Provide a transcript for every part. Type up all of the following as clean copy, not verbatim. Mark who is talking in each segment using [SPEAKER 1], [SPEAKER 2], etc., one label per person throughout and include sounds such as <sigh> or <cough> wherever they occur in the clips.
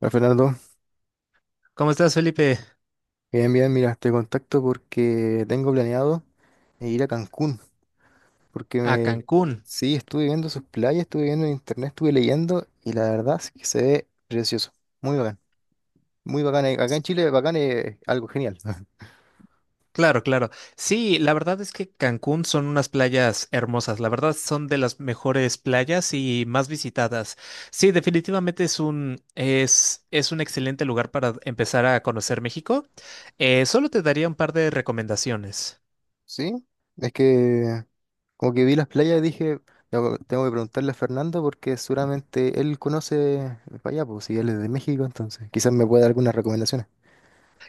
[SPEAKER 1] Hola, Fernando.
[SPEAKER 2] ¿Cómo estás, Felipe?
[SPEAKER 1] Bien, bien, mira, te contacto porque tengo planeado ir a Cancún, porque
[SPEAKER 2] A
[SPEAKER 1] me...
[SPEAKER 2] Cancún.
[SPEAKER 1] Sí, estuve viendo sus playas, estuve viendo en internet, estuve leyendo y la verdad es que se ve precioso, muy bacán, muy bacán, acá en Chile bacán es algo genial. <laughs>
[SPEAKER 2] Claro, claro. Sí, la verdad es que Cancún son unas playas hermosas. La verdad son de las mejores playas y más visitadas. Sí, definitivamente es un excelente lugar para empezar a conocer México. Solo te daría un par de recomendaciones.
[SPEAKER 1] ¿Sí? Es que como que vi las playas y dije, tengo que preguntarle a Fernando porque seguramente él conoce para allá, pues si él es de México, entonces quizás me pueda dar algunas recomendaciones.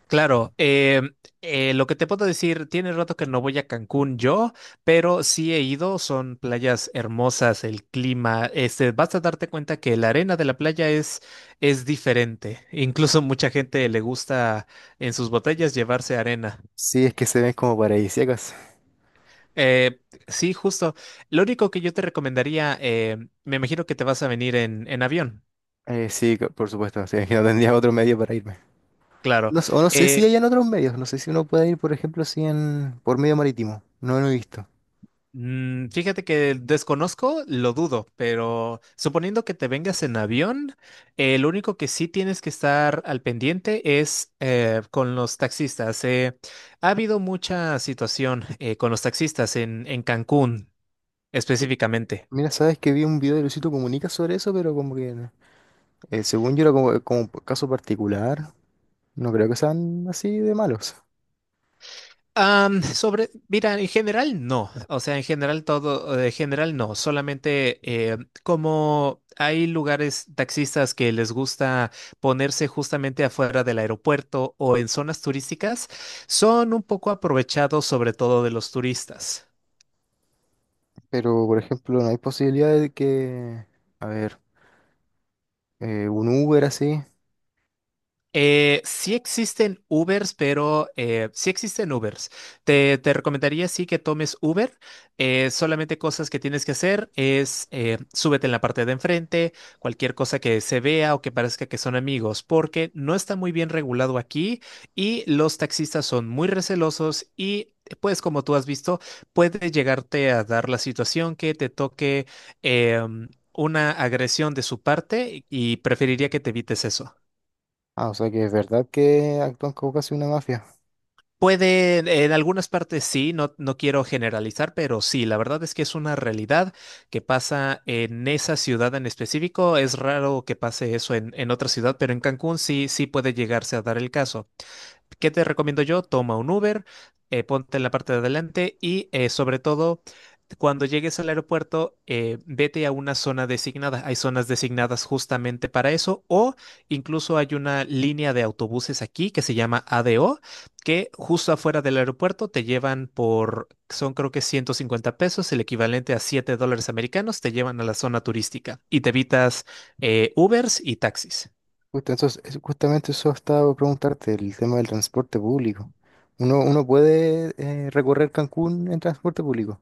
[SPEAKER 2] Claro, lo que te puedo decir, tiene rato que no voy a Cancún yo, pero sí he ido, son playas hermosas, el clima, este, vas a darte cuenta que la arena de la playa es diferente, <laughs> incluso mucha gente le gusta en sus botellas llevarse arena.
[SPEAKER 1] Sí, es que se ven como paradisíacas.
[SPEAKER 2] Eh, sí, justo, lo único que yo te recomendaría, me imagino que te vas a venir en avión,
[SPEAKER 1] Sí, por supuesto, sí. <laughs> Es que no tendría otro medio para irme.
[SPEAKER 2] claro.
[SPEAKER 1] No, o no sé si
[SPEAKER 2] Eh,
[SPEAKER 1] hay en otros medios, no sé si uno puede ir, por ejemplo, si en, por medio marítimo, no lo he visto.
[SPEAKER 2] Mm, fíjate que desconozco, lo dudo, pero suponiendo que te vengas en avión, lo único que sí tienes que estar al pendiente es con los taxistas. Ha habido mucha situación con los taxistas en Cancún específicamente.
[SPEAKER 1] Mira, sabes que vi un video de Luisito Comunica sobre eso, pero como que, según yo era como, como un caso particular, no creo que sean así de malos.
[SPEAKER 2] Sobre, mira, en general no, o sea, en general todo, en general no, solamente como hay lugares taxistas que les gusta ponerse justamente afuera del aeropuerto o en zonas turísticas, son un poco aprovechados sobre todo de los turistas.
[SPEAKER 1] Pero, por ejemplo, no hay posibilidad de que, a ver, un Uber así.
[SPEAKER 2] Sí existen Ubers, pero sí existen Ubers. Te recomendaría sí que tomes Uber. Solamente cosas que tienes que hacer es súbete en la parte de enfrente, cualquier cosa que se vea o que parezca que son amigos, porque no está muy bien regulado aquí y los taxistas son muy recelosos y pues como tú has visto, puede llegarte a dar la situación que te toque una agresión de su parte y preferiría que te evites eso.
[SPEAKER 1] Ah, o sea que es verdad que actúan como casi una mafia.
[SPEAKER 2] Puede, en algunas partes sí, no, no quiero generalizar, pero sí, la verdad es que es una realidad que pasa en esa ciudad en específico. Es raro que pase eso en otra ciudad, pero en Cancún sí, sí puede llegarse a dar el caso. ¿Qué te recomiendo yo? Toma un Uber, ponte en la parte de adelante y sobre todo, cuando llegues al aeropuerto, vete a una zona designada. Hay zonas designadas justamente para eso o incluso hay una línea de autobuses aquí que se llama ADO, que justo afuera del aeropuerto te llevan por, son creo que 150 pesos, el equivalente a 7 dólares americanos, te llevan a la zona turística y te evitas Ubers y taxis.
[SPEAKER 1] Justo, entonces, justamente eso estaba por preguntarte, el tema del transporte público. ¿Uno puede recorrer Cancún en transporte público?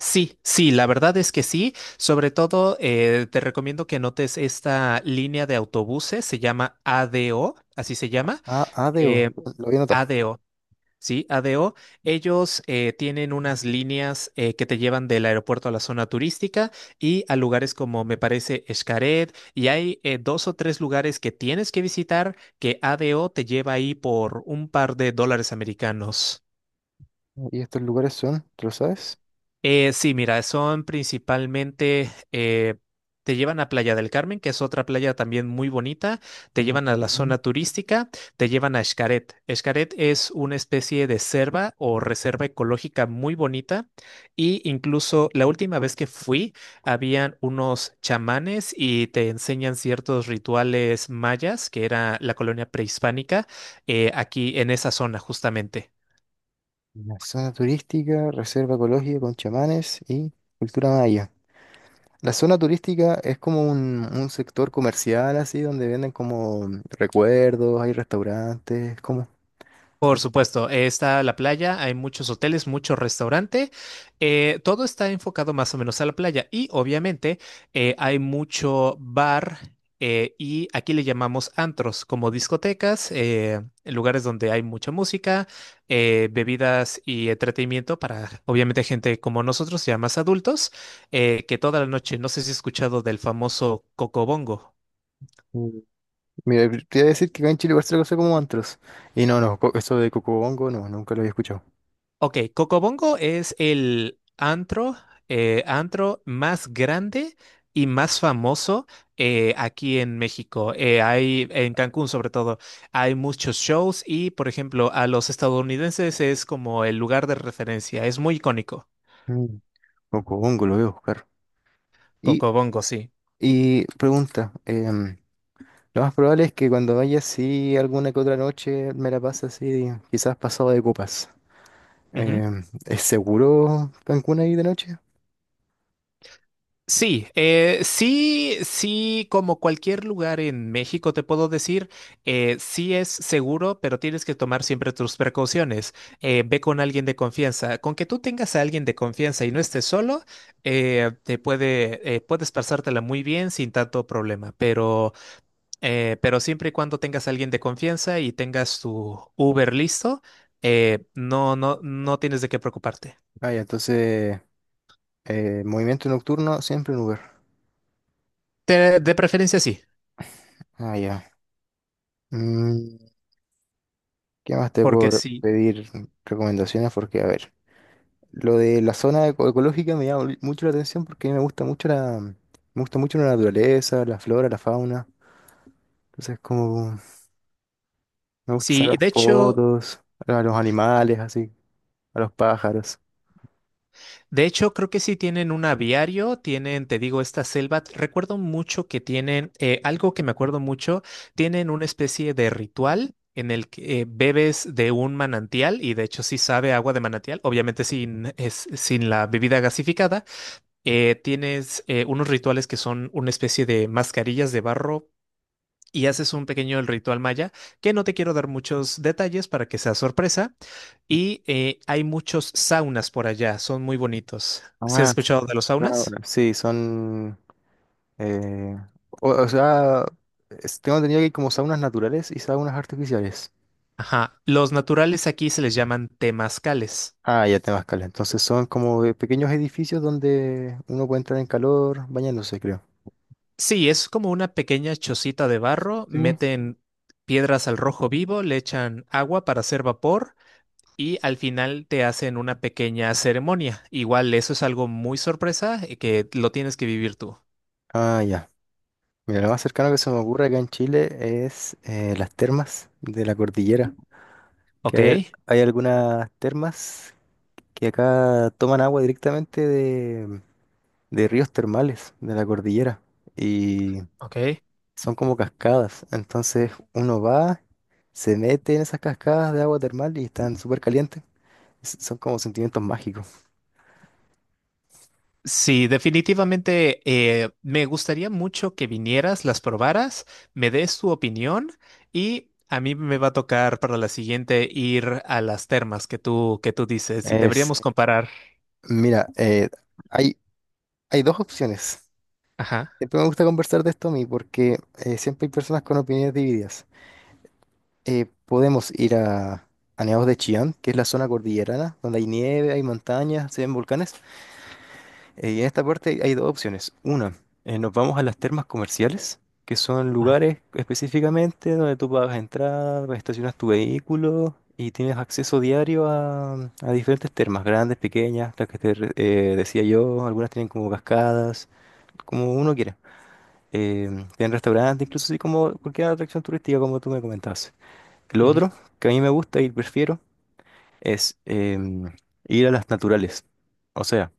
[SPEAKER 2] Sí, sí, la verdad es que sí. Sobre todo, te recomiendo que notes esta línea de autobuses, se llama ADO, así se llama.
[SPEAKER 1] Ah, ah, debo,
[SPEAKER 2] eh,
[SPEAKER 1] lo voy a anotar.
[SPEAKER 2] ADO, ¿sí? ADO. Ellos tienen unas líneas que te llevan del aeropuerto a la zona turística y a lugares como, me parece, Xcaret. Y hay dos o tres lugares que tienes que visitar que ADO te lleva ahí por un par de dólares americanos.
[SPEAKER 1] ¿Y estos lugares son, tú lo sabes?
[SPEAKER 2] Sí, mira, son principalmente, te llevan a Playa del Carmen, que es otra playa también muy bonita, te
[SPEAKER 1] Playa
[SPEAKER 2] llevan a la zona
[SPEAKER 1] Cancún.
[SPEAKER 2] turística, te llevan a Xcaret. Xcaret es una especie de selva o reserva ecológica muy bonita y incluso la última vez que fui, habían unos chamanes y te enseñan ciertos rituales mayas, que era la colonia prehispánica, aquí en esa zona justamente.
[SPEAKER 1] La zona turística, reserva ecológica con chamanes y cultura maya. La zona turística es como un sector comercial así, donde venden como recuerdos, hay restaurantes, como...
[SPEAKER 2] Por supuesto, está la playa, hay muchos hoteles, mucho restaurante, todo está enfocado más o menos a la playa y obviamente hay mucho bar y aquí le llamamos antros, como discotecas, lugares donde hay mucha música, bebidas y entretenimiento para obviamente gente como nosotros, ya más adultos, que toda la noche, no sé si has escuchado del famoso Cocobongo.
[SPEAKER 1] mm, Mira, te iba a decir que acá en Chile igual se lo conoce como antros. Y no, no, co- eso de Cocobongo no, nunca lo había escuchado.
[SPEAKER 2] Ok, Cocobongo es el antro, antro más grande y más famoso aquí en México. En Cancún sobre todo, hay muchos shows y, por ejemplo, a los estadounidenses es como el lugar de referencia. Es muy icónico.
[SPEAKER 1] Mm. Cocobongo lo voy a buscar. Y,
[SPEAKER 2] Cocobongo, sí.
[SPEAKER 1] y pregunta, lo más probable es que cuando vaya así alguna que otra noche me la pase así, quizás pasado de copas. ¿Es seguro Cancún ahí de noche?
[SPEAKER 2] Sí, sí, sí, como cualquier lugar en México te puedo decir, sí es seguro, pero tienes que tomar siempre tus precauciones. Ve con alguien de confianza. Con que tú tengas a alguien de confianza y no estés solo, puedes pasártela muy bien sin tanto problema. Pero siempre y cuando tengas a alguien de confianza y tengas tu Uber listo, no tienes de qué preocuparte.
[SPEAKER 1] Ah, ya, entonces, movimiento nocturno siempre en Uber.
[SPEAKER 2] Te- de preferencia sí,
[SPEAKER 1] Ah, ya. Mm, ¿qué más te puedo
[SPEAKER 2] porque sí.
[SPEAKER 1] pedir recomendaciones? Porque, a ver. Lo de la zona ecológica me llama mucho la atención porque a mí me gusta mucho la, me gusta mucho la naturaleza, la flora, la fauna. Entonces como me gusta
[SPEAKER 2] Sí, y
[SPEAKER 1] sacar
[SPEAKER 2] de hecho,
[SPEAKER 1] fotos a los animales, así, a los pájaros.
[SPEAKER 2] de hecho, creo que sí tienen un aviario, tienen, te digo, esta selva. Recuerdo mucho que tienen, algo que me acuerdo mucho, tienen una especie de ritual en el que bebes de un manantial y de hecho sí sabe a agua de manantial, obviamente sin, es, sin la bebida gasificada. Tienes unos rituales que son una especie de mascarillas de barro y haces un pequeño ritual maya, que no te quiero dar muchos detalles para que sea sorpresa. Y hay muchos saunas por allá, son muy bonitos. ¿Se ha
[SPEAKER 1] Ah,
[SPEAKER 2] escuchado de los
[SPEAKER 1] claro.
[SPEAKER 2] saunas?
[SPEAKER 1] Sí, son, eh, o sea, tengo entendido que hay como saunas naturales y saunas artificiales.
[SPEAKER 2] Ajá, los naturales aquí se les llaman temazcales.
[SPEAKER 1] Ah, ya te escala. Entonces son como pequeños edificios donde uno puede entrar en calor bañándose, creo.
[SPEAKER 2] Sí, es como una pequeña chocita de barro,
[SPEAKER 1] Sí.
[SPEAKER 2] meten piedras al rojo vivo, le echan agua para hacer vapor y al final te hacen una pequeña ceremonia. Igual eso es algo muy sorpresa que lo tienes que vivir tú.
[SPEAKER 1] Ah, ya. Mira, lo más cercano que se me ocurre acá en Chile es las termas de la cordillera. Que
[SPEAKER 2] Ok,
[SPEAKER 1] hay, hay algunas termas que acá toman agua directamente de ríos termales de la cordillera. Y
[SPEAKER 2] ok.
[SPEAKER 1] son como cascadas. Entonces uno va, se mete en esas cascadas de agua termal y están súper calientes. Son como sentimientos mágicos.
[SPEAKER 2] Sí, definitivamente me gustaría mucho que vinieras, las probaras, me des tu opinión y a mí me va a tocar para la siguiente ir a las termas que tú dices.
[SPEAKER 1] Es,
[SPEAKER 2] Deberíamos comparar.
[SPEAKER 1] mira, hay, hay dos opciones.
[SPEAKER 2] Ajá.
[SPEAKER 1] Siempre me gusta conversar de esto a mí porque siempre hay personas con opiniones divididas. Podemos ir a Nevados de Chillán, que es la zona cordillerana, donde hay nieve, hay montañas, se ven volcanes. Y en esta parte hay dos opciones. Una, nos vamos a las termas comerciales, que son
[SPEAKER 2] Ajá.
[SPEAKER 1] lugares específicamente donde tú pagas entrada, estacionas tu vehículo y tienes acceso diario a diferentes termas, grandes, pequeñas, las que decía yo, algunas tienen como cascadas, como uno quiera. Eh, Tienen restaurantes, incluso así como cualquier atracción turística, como tú me comentabas. Lo
[SPEAKER 2] Ujú.
[SPEAKER 1] otro que a mí me gusta y prefiero es ir a las naturales. O sea,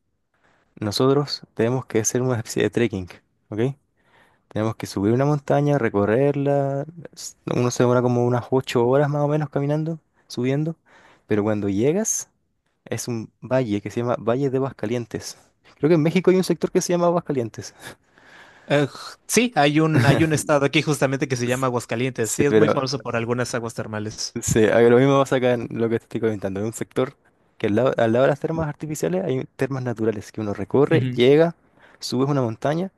[SPEAKER 1] nosotros tenemos que hacer una especie de trekking, ¿ok? Tenemos que subir una montaña, recorrerla. Uno se demora como unas 8 horas más o menos caminando, subiendo. Pero cuando llegas, es un valle que se llama Valle de Calientes. Creo que en México hay un sector que se llama Calientes.
[SPEAKER 2] Eh, sí, hay un hay un
[SPEAKER 1] <laughs>
[SPEAKER 2] estado aquí justamente que se llama Aguascalientes.
[SPEAKER 1] Sí,
[SPEAKER 2] Sí, es muy
[SPEAKER 1] pero
[SPEAKER 2] famoso por algunas aguas termales.
[SPEAKER 1] sí, a lo mismo pasa acá en lo que te estoy comentando. En un sector que al lado de las termas artificiales hay termas naturales que uno recorre,
[SPEAKER 2] Ujú.
[SPEAKER 1] llega, subes una montaña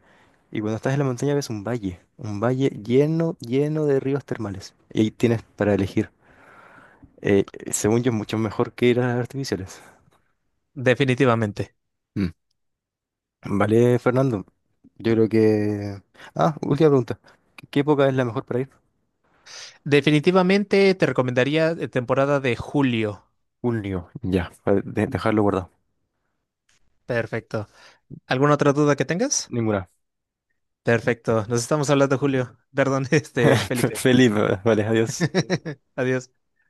[SPEAKER 1] y cuando estás en la montaña ves un valle lleno, lleno de ríos termales. Y ahí tienes para elegir. Eh, Según yo, es mucho mejor que ir a las artificiales.
[SPEAKER 2] Definitivamente.
[SPEAKER 1] Mm. Vale, Fernando, yo creo que... Ah, última pregunta. ¿Qué época es la mejor para ir?
[SPEAKER 2] Definitivamente te recomendaría temporada de julio.
[SPEAKER 1] Junio, ya, para dejarlo guardado.
[SPEAKER 2] Perfecto. ¿Alguna otra duda que tengas?
[SPEAKER 1] Ninguna.
[SPEAKER 2] Perfecto. Nos estamos hablando, Julio. Perdón, <laughs> este,
[SPEAKER 1] <laughs>
[SPEAKER 2] Felipe.
[SPEAKER 1] Feliz. Vale, adiós.
[SPEAKER 2] <laughs> Adiós.